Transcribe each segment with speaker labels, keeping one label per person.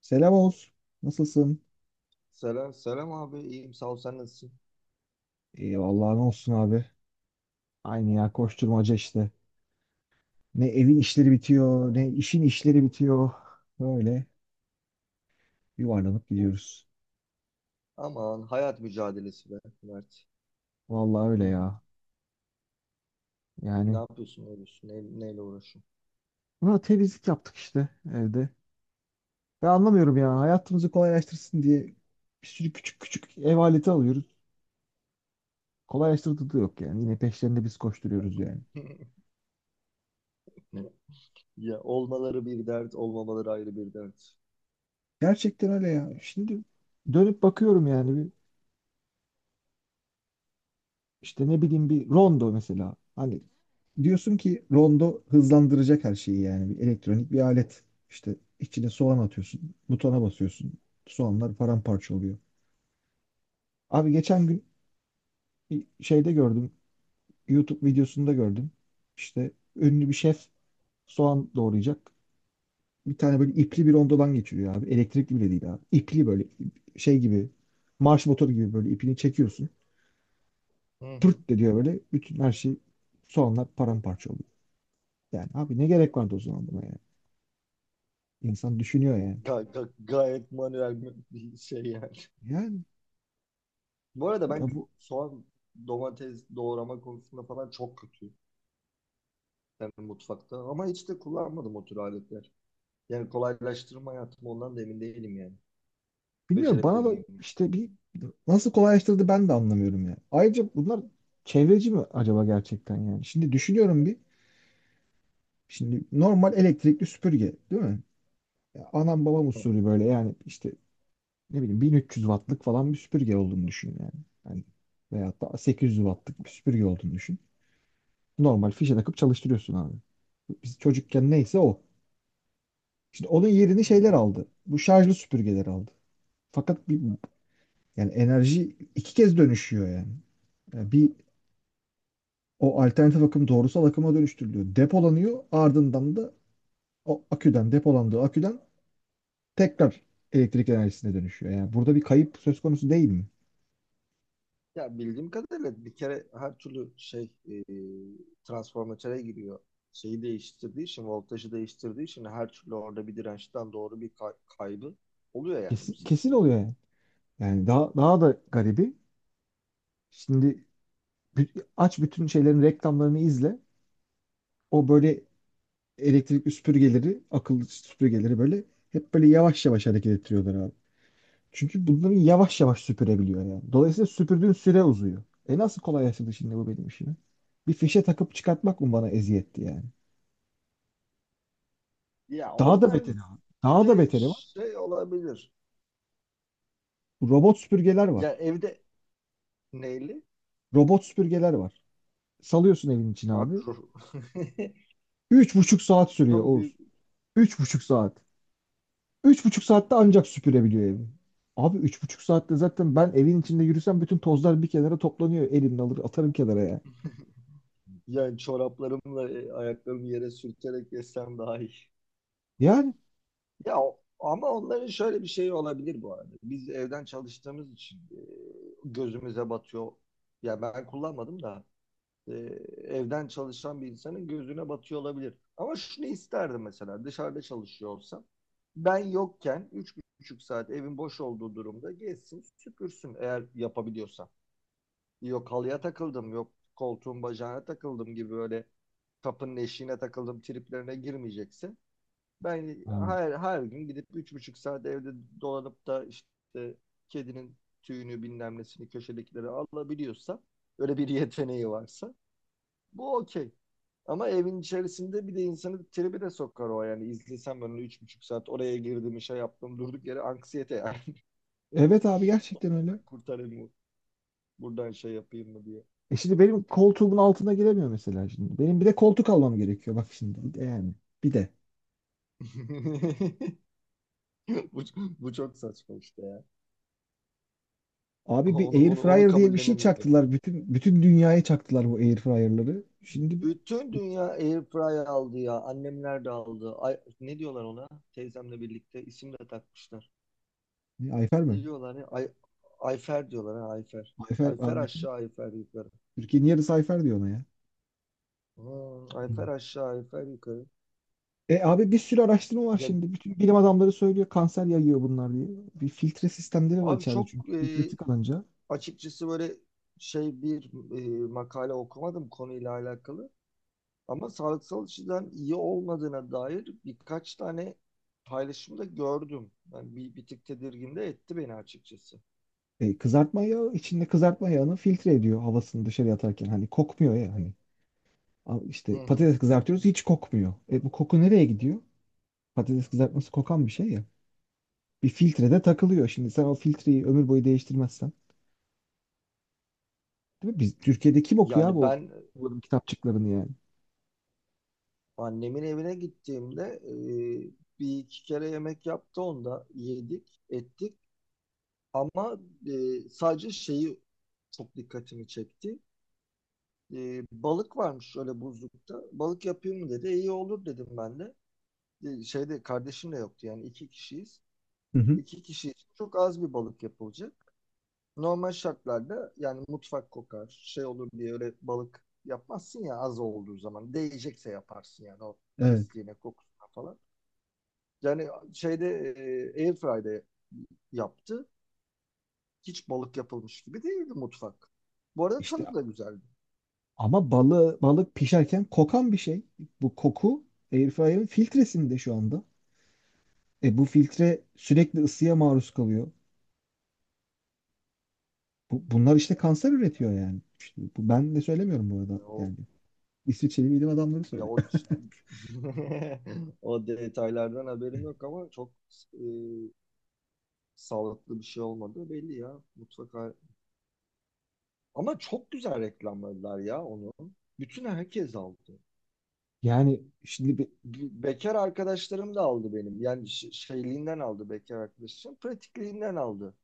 Speaker 1: Selam olsun. Nasılsın?
Speaker 2: Selam, selam abi. İyiyim, sağ ol. Sen nasılsın?
Speaker 1: İyi vallahi ne olsun abi. Aynı ya koşturmaca işte. Ne evin işleri bitiyor,
Speaker 2: Ben...
Speaker 1: ne işin işleri bitiyor. Böyle yuvarlanıp gidiyoruz.
Speaker 2: Aman hayat mücadelesi be Mert.
Speaker 1: Vallahi
Speaker 2: Hı
Speaker 1: öyle
Speaker 2: hı.
Speaker 1: ya.
Speaker 2: Ne
Speaker 1: Yani
Speaker 2: yapıyorsun, ne ediyorsun, neyle uğraşıyorsun?
Speaker 1: buna temizlik yaptık işte evde. Ben anlamıyorum ya. Hayatımızı kolaylaştırsın diye bir sürü küçük küçük ev aleti alıyoruz. Kolaylaştırdığı da yok yani. Yine peşlerinde biz koşturuyoruz yani.
Speaker 2: Ya olmaları bir dert, olmamaları ayrı bir dert.
Speaker 1: Gerçekten öyle ya. Şimdi dönüp bakıyorum yani bir, işte ne bileyim bir rondo mesela. Hani diyorsun ki rondo hızlandıracak her şeyi yani bir elektronik bir alet. İşte içine soğan atıyorsun, butona basıyorsun. Soğanlar paramparça oluyor. Abi geçen gün bir şeyde gördüm, YouTube videosunda gördüm. İşte ünlü bir şef soğan doğrayacak. Bir tane böyle ipli bir rondodan geçiriyor abi. Elektrikli bile değil abi. İpli böyle şey gibi marş motoru gibi böyle ipini çekiyorsun.
Speaker 2: Hı hı.
Speaker 1: Pırt de diyor böyle bütün her şey soğanlar paramparça oluyor. Yani abi ne gerek vardı o zaman buna yani? İnsan düşünüyor yani.
Speaker 2: Gayet manuel bir şey yani.
Speaker 1: Yani
Speaker 2: Bu arada
Speaker 1: ya
Speaker 2: ben
Speaker 1: bu,
Speaker 2: soğan, domates doğrama konusunda falan çok kötüyüm. Yani mutfakta. Ama hiç de kullanmadım o tür aletler. Yani kolaylaştırma hayatım ondan da emin değilim yani.
Speaker 1: bilmiyorum,
Speaker 2: Becerebilir
Speaker 1: bana da
Speaker 2: miyim?
Speaker 1: işte bir nasıl kolaylaştırdı ben de anlamıyorum ya. Ayrıca bunlar çevreci mi acaba gerçekten yani? Şimdi düşünüyorum bir. Şimdi normal elektrikli süpürge değil mi? Ya anam babam usulü böyle yani işte ne bileyim 1300 wattlık falan bir süpürge olduğunu düşün yani. Hani veyahut da 800 wattlık bir süpürge olduğunu düşün. Normal fişe takıp çalıştırıyorsun abi. Biz çocukken neyse o. Şimdi onun yerini şeyler
Speaker 2: Ya
Speaker 1: aldı. Bu şarjlı süpürgeler aldı. Fakat bir, yani enerji iki kez dönüşüyor yani. Yani bir o alternatif akım doğrusal akıma dönüştürülüyor. Depolanıyor, ardından da o aküden, depolandığı aküden tekrar elektrik enerjisine dönüşüyor. Yani burada bir kayıp söz konusu değil mi?
Speaker 2: Ya bildiğim kadarıyla bir kere her türlü şey transformatöre giriyor. Şeyi değiştirdiği için, voltajı değiştirdiği için her türlü orada bir dirençten doğru bir kaybı oluyor yani bu
Speaker 1: Kesin, kesin
Speaker 2: sistem.
Speaker 1: oluyor yani. Yani daha da garibi. Şimdi aç bütün şeylerin reklamlarını izle. O böyle elektrikli süpürgeleri, akıllı süpürgeleri böyle hep böyle yavaş yavaş hareket ettiriyorlar abi. Çünkü bunları yavaş yavaş süpürebiliyor yani. Dolayısıyla süpürdüğün süre uzuyor. E nasıl kolaylaştırdı şimdi bu benim işimi? Bir fişe takıp çıkartmak mı bana eziyetti yani?
Speaker 2: Ya
Speaker 1: Daha da
Speaker 2: onlar
Speaker 1: beteri var. Daha da
Speaker 2: şey,
Speaker 1: beteri var.
Speaker 2: şey olabilir.
Speaker 1: Robot süpürgeler var.
Speaker 2: Ya evde neyli?
Speaker 1: Robot süpürgeler var. Salıyorsun evin içine abi.
Speaker 2: Abi
Speaker 1: Üç buçuk saat
Speaker 2: çok
Speaker 1: sürüyor Oğuz.
Speaker 2: büyük
Speaker 1: Üç buçuk saat. Üç buçuk saatte ancak süpürebiliyor evi. Abi üç buçuk saatte zaten ben evin içinde yürüsem bütün tozlar bir kenara toplanıyor. Elimle alır atarım kenara ya.
Speaker 2: yani çoraplarımla ayaklarımı yere sürterek yesem daha iyi.
Speaker 1: Yani.
Speaker 2: Ama onların şöyle bir şeyi olabilir bu arada. Biz evden çalıştığımız için gözümüze batıyor. Ya ben kullanmadım da e, evden çalışan bir insanın gözüne batıyor olabilir. Ama şunu isterdim mesela dışarıda çalışıyor olsam ben yokken üç buçuk saat evin boş olduğu durumda gezsin süpürsün eğer yapabiliyorsa. Yok halıya takıldım yok koltuğun bacağına takıldım gibi böyle kapının eşiğine takıldım triplerine girmeyecekse ben
Speaker 1: Yani.
Speaker 2: her gün gidip üç buçuk saat evde dolanıp da işte kedinin tüyünü bilmem nesini köşedekileri alabiliyorsa öyle bir yeteneği varsa bu okey. Ama evin içerisinde bir de insanı tribe de sokar o yani. İzlesem ben onu üç buçuk saat oraya girdim şey yaptım durduk yere anksiyete yani.
Speaker 1: Evet abi gerçekten öyle.
Speaker 2: Ben kurtarayım mı? Buradan şey yapayım mı diye.
Speaker 1: E şimdi benim koltuğumun altına giremiyor mesela şimdi. Benim bir de koltuk almam gerekiyor bak şimdi. Bir de yani, bir de.
Speaker 2: bu, bu çok saçma işte ya.
Speaker 1: Abi bir
Speaker 2: Onu,
Speaker 1: air
Speaker 2: onu, onu
Speaker 1: fryer diye bir şey
Speaker 2: kabullenemiyorum.
Speaker 1: çaktılar. Bütün dünyaya çaktılar bu air fryer'ları. Şimdi
Speaker 2: Bütün dünya airfryer aldı ya. Annemler de aldı. Ay, ne diyorlar ona? Teyzemle birlikte isim de takmışlar.
Speaker 1: ne, Ayfer mi?
Speaker 2: Ne diyorlar ya? Ay, Ayfer diyorlar ha Ayfer.
Speaker 1: Ayfer
Speaker 2: Ayfer
Speaker 1: abi, bütün
Speaker 2: aşağı Ayfer yukarı.
Speaker 1: Türkiye'nin yarısı Ayfer diyor ona ya. Hmm.
Speaker 2: Ayfer aşağı Ayfer yukarı.
Speaker 1: E abi bir sürü araştırma var
Speaker 2: Ya
Speaker 1: şimdi. Bütün bilim adamları söylüyor kanser yayıyor bunlar diye. Bir filtre sistemleri var
Speaker 2: abi
Speaker 1: içeride,
Speaker 2: çok
Speaker 1: çünkü filtre tıkanınca.
Speaker 2: açıkçası böyle şey bir makale okumadım konuyla alakalı. Ama sağlıksal açıdan iyi olmadığına dair birkaç tane paylaşımda gördüm. Yani bir tık tedirgin de etti beni açıkçası.
Speaker 1: E, kızartma yağı içinde kızartma yağını filtre ediyor havasını dışarı atarken. Hani kokmuyor ya hani. Al işte
Speaker 2: Hı hı.
Speaker 1: patates kızartıyoruz hiç kokmuyor. E bu koku nereye gidiyor? Patates kızartması kokan bir şey ya. Bir filtrede takılıyor. Şimdi sen o filtreyi ömür boyu değiştirmezsen. Değil mi? Biz Türkiye'de kim okuyor
Speaker 2: Yani
Speaker 1: bu
Speaker 2: ben
Speaker 1: bunların kitapçıklarını yani?
Speaker 2: annemin evine gittiğimde bir iki kere yemek yaptı onda yedik ettik ama sadece şeyi çok dikkatimi çekti. Balık varmış öyle buzlukta. Balık yapayım mı dedi. İyi olur dedim ben de. Şeyde kardeşim de yoktu yani iki kişiyiz.
Speaker 1: Hı hı.
Speaker 2: İki kişi için çok az bir balık yapılacak. Normal şartlarda yani mutfak kokar, şey olur diye öyle balık yapmazsın ya az olduğu zaman. Değecekse yaparsın yani o
Speaker 1: Evet.
Speaker 2: pisliğine, kokusuna falan. Yani şeyde Airfry'de yaptı. Hiç balık yapılmış gibi değildi mutfak. Bu arada
Speaker 1: İşte
Speaker 2: tadı da güzeldi.
Speaker 1: ama balık pişerken kokan bir şey. Bu koku airfryer'ın filtresinde şu anda. E bu filtre sürekli ısıya maruz kalıyor. Bunlar işte kanser üretiyor yani. İşte bu, ben de söylemiyorum bu arada
Speaker 2: Yani o
Speaker 1: yani. İsviçreli bilim adamları
Speaker 2: ya
Speaker 1: söylüyor.
Speaker 2: o o detaylardan haberim yok ama çok e, sağlıklı bir şey olmadığı belli ya mutfak. Ama çok güzel reklamladılar ya onu. Bütün herkes aldı.
Speaker 1: Yani şimdi bir,
Speaker 2: Bekar arkadaşlarım da aldı benim. Yani şeyliğinden aldı bekar arkadaşım. Pratikliğinden aldı.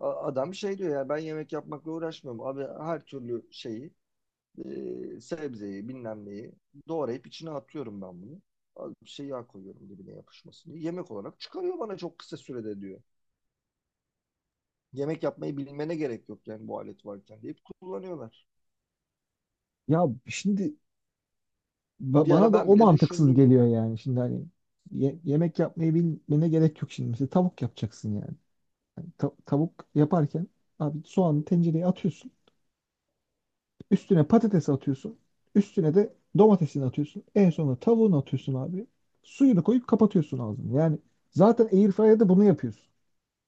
Speaker 2: Adam şey diyor ya ben yemek yapmakla uğraşmıyorum. Abi her türlü şeyi sebzeyi bilmem neyi doğrayıp içine atıyorum ben bunu. Az bir şey yağ koyuyorum dibine yapışmasın diye. Yemek olarak çıkarıyor bana çok kısa sürede diyor. Yemek yapmayı bilmene gerek yok yani bu alet varken deyip kullanıyorlar.
Speaker 1: ya şimdi
Speaker 2: Bir
Speaker 1: bana
Speaker 2: ara
Speaker 1: da
Speaker 2: ben
Speaker 1: o
Speaker 2: bile
Speaker 1: mantıksız
Speaker 2: düşündüm.
Speaker 1: geliyor yani. Şimdi hani yemek yapmayı bilmene gerek yok şimdi. Mesela tavuk yapacaksın yani. Tavuk yaparken abi soğanı tencereye atıyorsun. Üstüne patates atıyorsun. Üstüne de domatesini atıyorsun. En sonunda tavuğunu atıyorsun abi. Suyunu koyup kapatıyorsun ağzını. Yani zaten airfryer'da bunu yapıyorsun.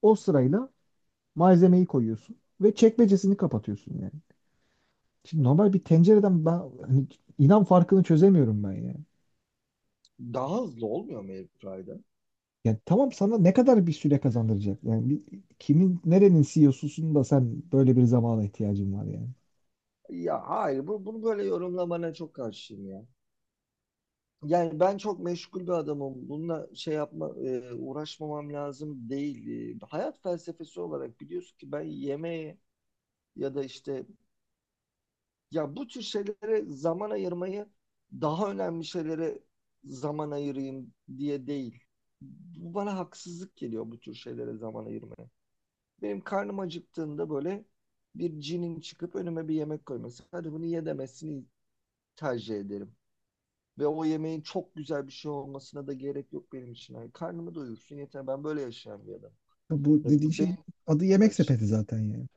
Speaker 1: O sırayla malzemeyi koyuyorsun ve çekmecesini kapatıyorsun yani. Şimdi normal bir tencereden ben hani inan farkını çözemiyorum ben yani.
Speaker 2: Daha hızlı olmuyor mu airfryer'da?
Speaker 1: Yani tamam, sana ne kadar bir süre kazandıracak? Yani bir, kimin nerenin CEO'susun da sen böyle bir zamana ihtiyacın var yani.
Speaker 2: Ya hayır bu, bunu böyle yorumlamana çok karşıyım ya. Yani ben çok meşgul bir adamım. Bununla şey yapma, uğraşmamam lazım değil. Hayat felsefesi olarak biliyorsun ki ben yemeğe ya da işte ya bu tür şeylere zaman ayırmayı daha önemli şeylere zaman ayırayım diye değil. Bu bana haksızlık geliyor bu tür şeylere zaman ayırmaya. Benim karnım acıktığında böyle bir cinin çıkıp önüme bir yemek koyması. Hadi bunu ye demesini tercih ederim. Ve o yemeğin çok güzel bir şey olmasına da gerek yok benim için. Yani karnımı doyursun yeter. Ben böyle yaşayan bir adam.
Speaker 1: Ya bu
Speaker 2: Ya
Speaker 1: dediğin
Speaker 2: bu
Speaker 1: şey
Speaker 2: benim
Speaker 1: adı
Speaker 2: kadar
Speaker 1: yemek
Speaker 2: için.
Speaker 1: sepeti zaten yani.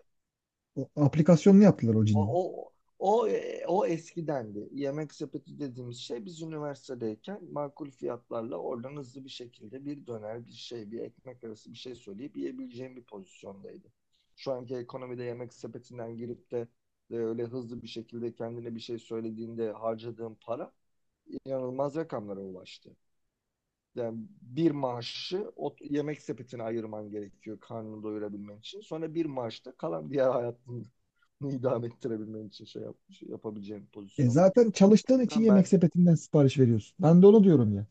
Speaker 1: O aplikasyonunu yaptılar o
Speaker 2: O,
Speaker 1: cinin.
Speaker 2: o, o eskidendi. Yemek sepeti dediğimiz şey biz üniversitedeyken makul fiyatlarla oradan hızlı bir şekilde bir döner, bir şey, bir ekmek arası bir şey söyleyip yiyebileceğim bir pozisyondaydı. Şu anki ekonomide yemek sepetinden girip de öyle hızlı bir şekilde kendine bir şey söylediğinde harcadığım para inanılmaz rakamlara ulaştı. Yani bir maaşı o yemek sepetine ayırman gerekiyor karnını doyurabilmen için. Sonra bir maaşta kalan diğer hayatını idame ettirebilmen için şey yapabileceğin
Speaker 1: E
Speaker 2: pozisyonda.
Speaker 1: zaten
Speaker 2: O
Speaker 1: çalıştığın için
Speaker 2: yüzden
Speaker 1: yemek
Speaker 2: ben
Speaker 1: sepetinden sipariş veriyorsun. Ben de onu diyorum ya.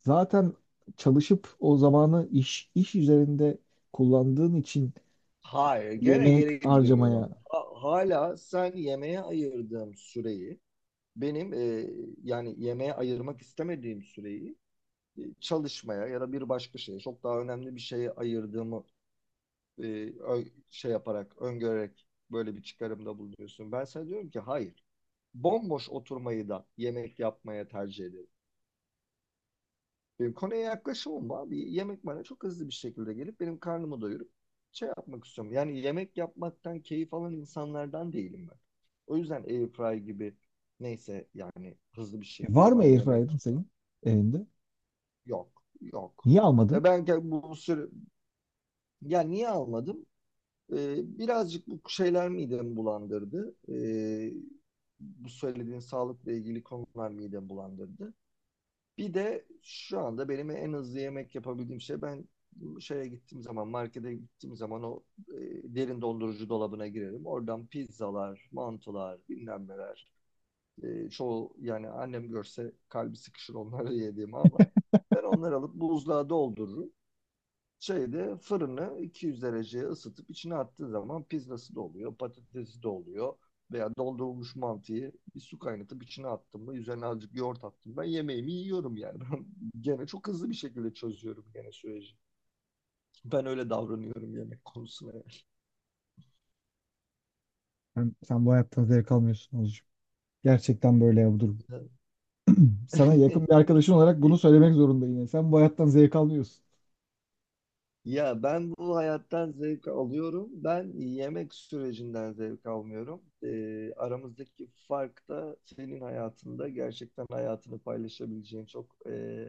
Speaker 1: Zaten çalışıp o zamanı iş üzerinde kullandığın için
Speaker 2: hayır gene
Speaker 1: yemek
Speaker 2: geri
Speaker 1: harcamaya.
Speaker 2: dönüyorum. Hala sen yemeğe ayırdığım süreyi benim yani yemeğe ayırmak istemediğim süreyi çalışmaya ya da bir başka şeye çok daha önemli bir şeye ayırdığımı e, öngörerek böyle bir çıkarımda bulunuyorsun. Ben sana diyorum ki hayır. Bomboş oturmayı da yemek yapmaya tercih ederim. Benim konuya yaklaşımım bu abi. Yemek bana çok hızlı bir şekilde gelip benim karnımı doyurup şey yapmak istiyorum. Yani yemek yapmaktan keyif alan insanlardan değilim ben. O yüzden airfryer gibi neyse yani hızlı bir
Speaker 1: E var
Speaker 2: şekilde
Speaker 1: mı
Speaker 2: bana
Speaker 1: airfryer'ın
Speaker 2: yemek
Speaker 1: senin evinde?
Speaker 2: yok. Yok.
Speaker 1: Niye almadın?
Speaker 2: Ya ben bu sürü ya niye almadım? Birazcık bu şeyler midemi bulandırdı. Bu söylediğin sağlıkla ilgili konular midemi bulandırdı. Bir de şu anda benim en hızlı yemek yapabildiğim şey ben şeye gittiğim zaman, markete gittiğim zaman o derin dondurucu dolabına girerim. Oradan pizzalar, mantılar, bilmem neler. Çoğu yani annem görse kalbi sıkışır onları yediğimi ama ben onları alıp buzluğa doldururum şeyde fırını 200 dereceye ısıtıp içine attığı zaman pizzası da oluyor, patatesi de oluyor. Veya doldurulmuş mantıyı bir su kaynatıp içine attım da üzerine azıcık yoğurt attım ben yemeğimi yiyorum yani. Ben gene çok hızlı bir şekilde çözüyorum gene süreci. Ben öyle davranıyorum yemek konusuna.
Speaker 1: Sen bu hayattan zevk almıyorsun Oğuzcuğum. Gerçekten böyle ya bu durum.
Speaker 2: Yani.
Speaker 1: Sana yakın bir arkadaşın olarak bunu söylemek zorundayım. Yani sen bu hayattan zevk almıyorsun.
Speaker 2: Ya ben bu hayattan zevk alıyorum. Ben yemek sürecinden zevk almıyorum. Aramızdaki fark da senin hayatında gerçekten hayatını paylaşabileceğin çok e,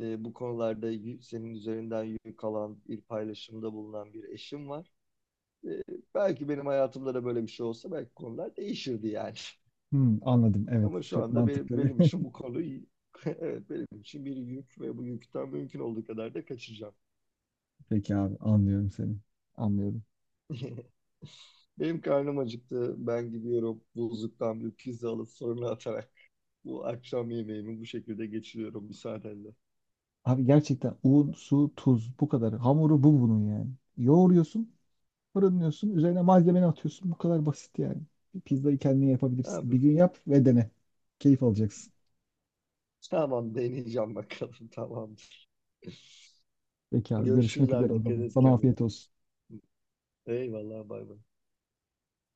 Speaker 2: e, bu konularda senin üzerinden yük alan bir paylaşımda bulunan bir eşim var. Ee, belki benim hayatımda da böyle bir şey olsa belki konular değişirdi yani.
Speaker 1: Hmm, anladım. Evet.
Speaker 2: Ama şu
Speaker 1: Çok
Speaker 2: anda benim,
Speaker 1: mantıklı
Speaker 2: benim
Speaker 1: bir.
Speaker 2: için bu konu evet benim için bir yük ve bu yükten mümkün olduğu kadar da kaçacağım.
Speaker 1: Peki abi, anlıyorum seni. Anlıyorum.
Speaker 2: Benim karnım acıktı. Ben gidiyorum buzluktan bir pizza alıp fırına atarak bu akşam yemeğimi bu şekilde geçiriyorum müsaadenle.
Speaker 1: Abi gerçekten un, su, tuz, bu kadar. Hamuru bu bunun yani. Yoğuruyorsun, fırınlıyorsun, üzerine malzemeni atıyorsun. Bu kadar basit yani. Bir pizzayı kendin yapabilirsin. Bir
Speaker 2: Abi,
Speaker 1: gün yap ve dene. Keyif alacaksın.
Speaker 2: tamam deneyeceğim bakalım tamam.
Speaker 1: Peki abi,
Speaker 2: Görüşürüz
Speaker 1: görüşmek üzere
Speaker 2: abi,
Speaker 1: o
Speaker 2: dikkat
Speaker 1: zaman.
Speaker 2: et
Speaker 1: Sana
Speaker 2: kendine.
Speaker 1: afiyet olsun.
Speaker 2: Eyvallah bay bay.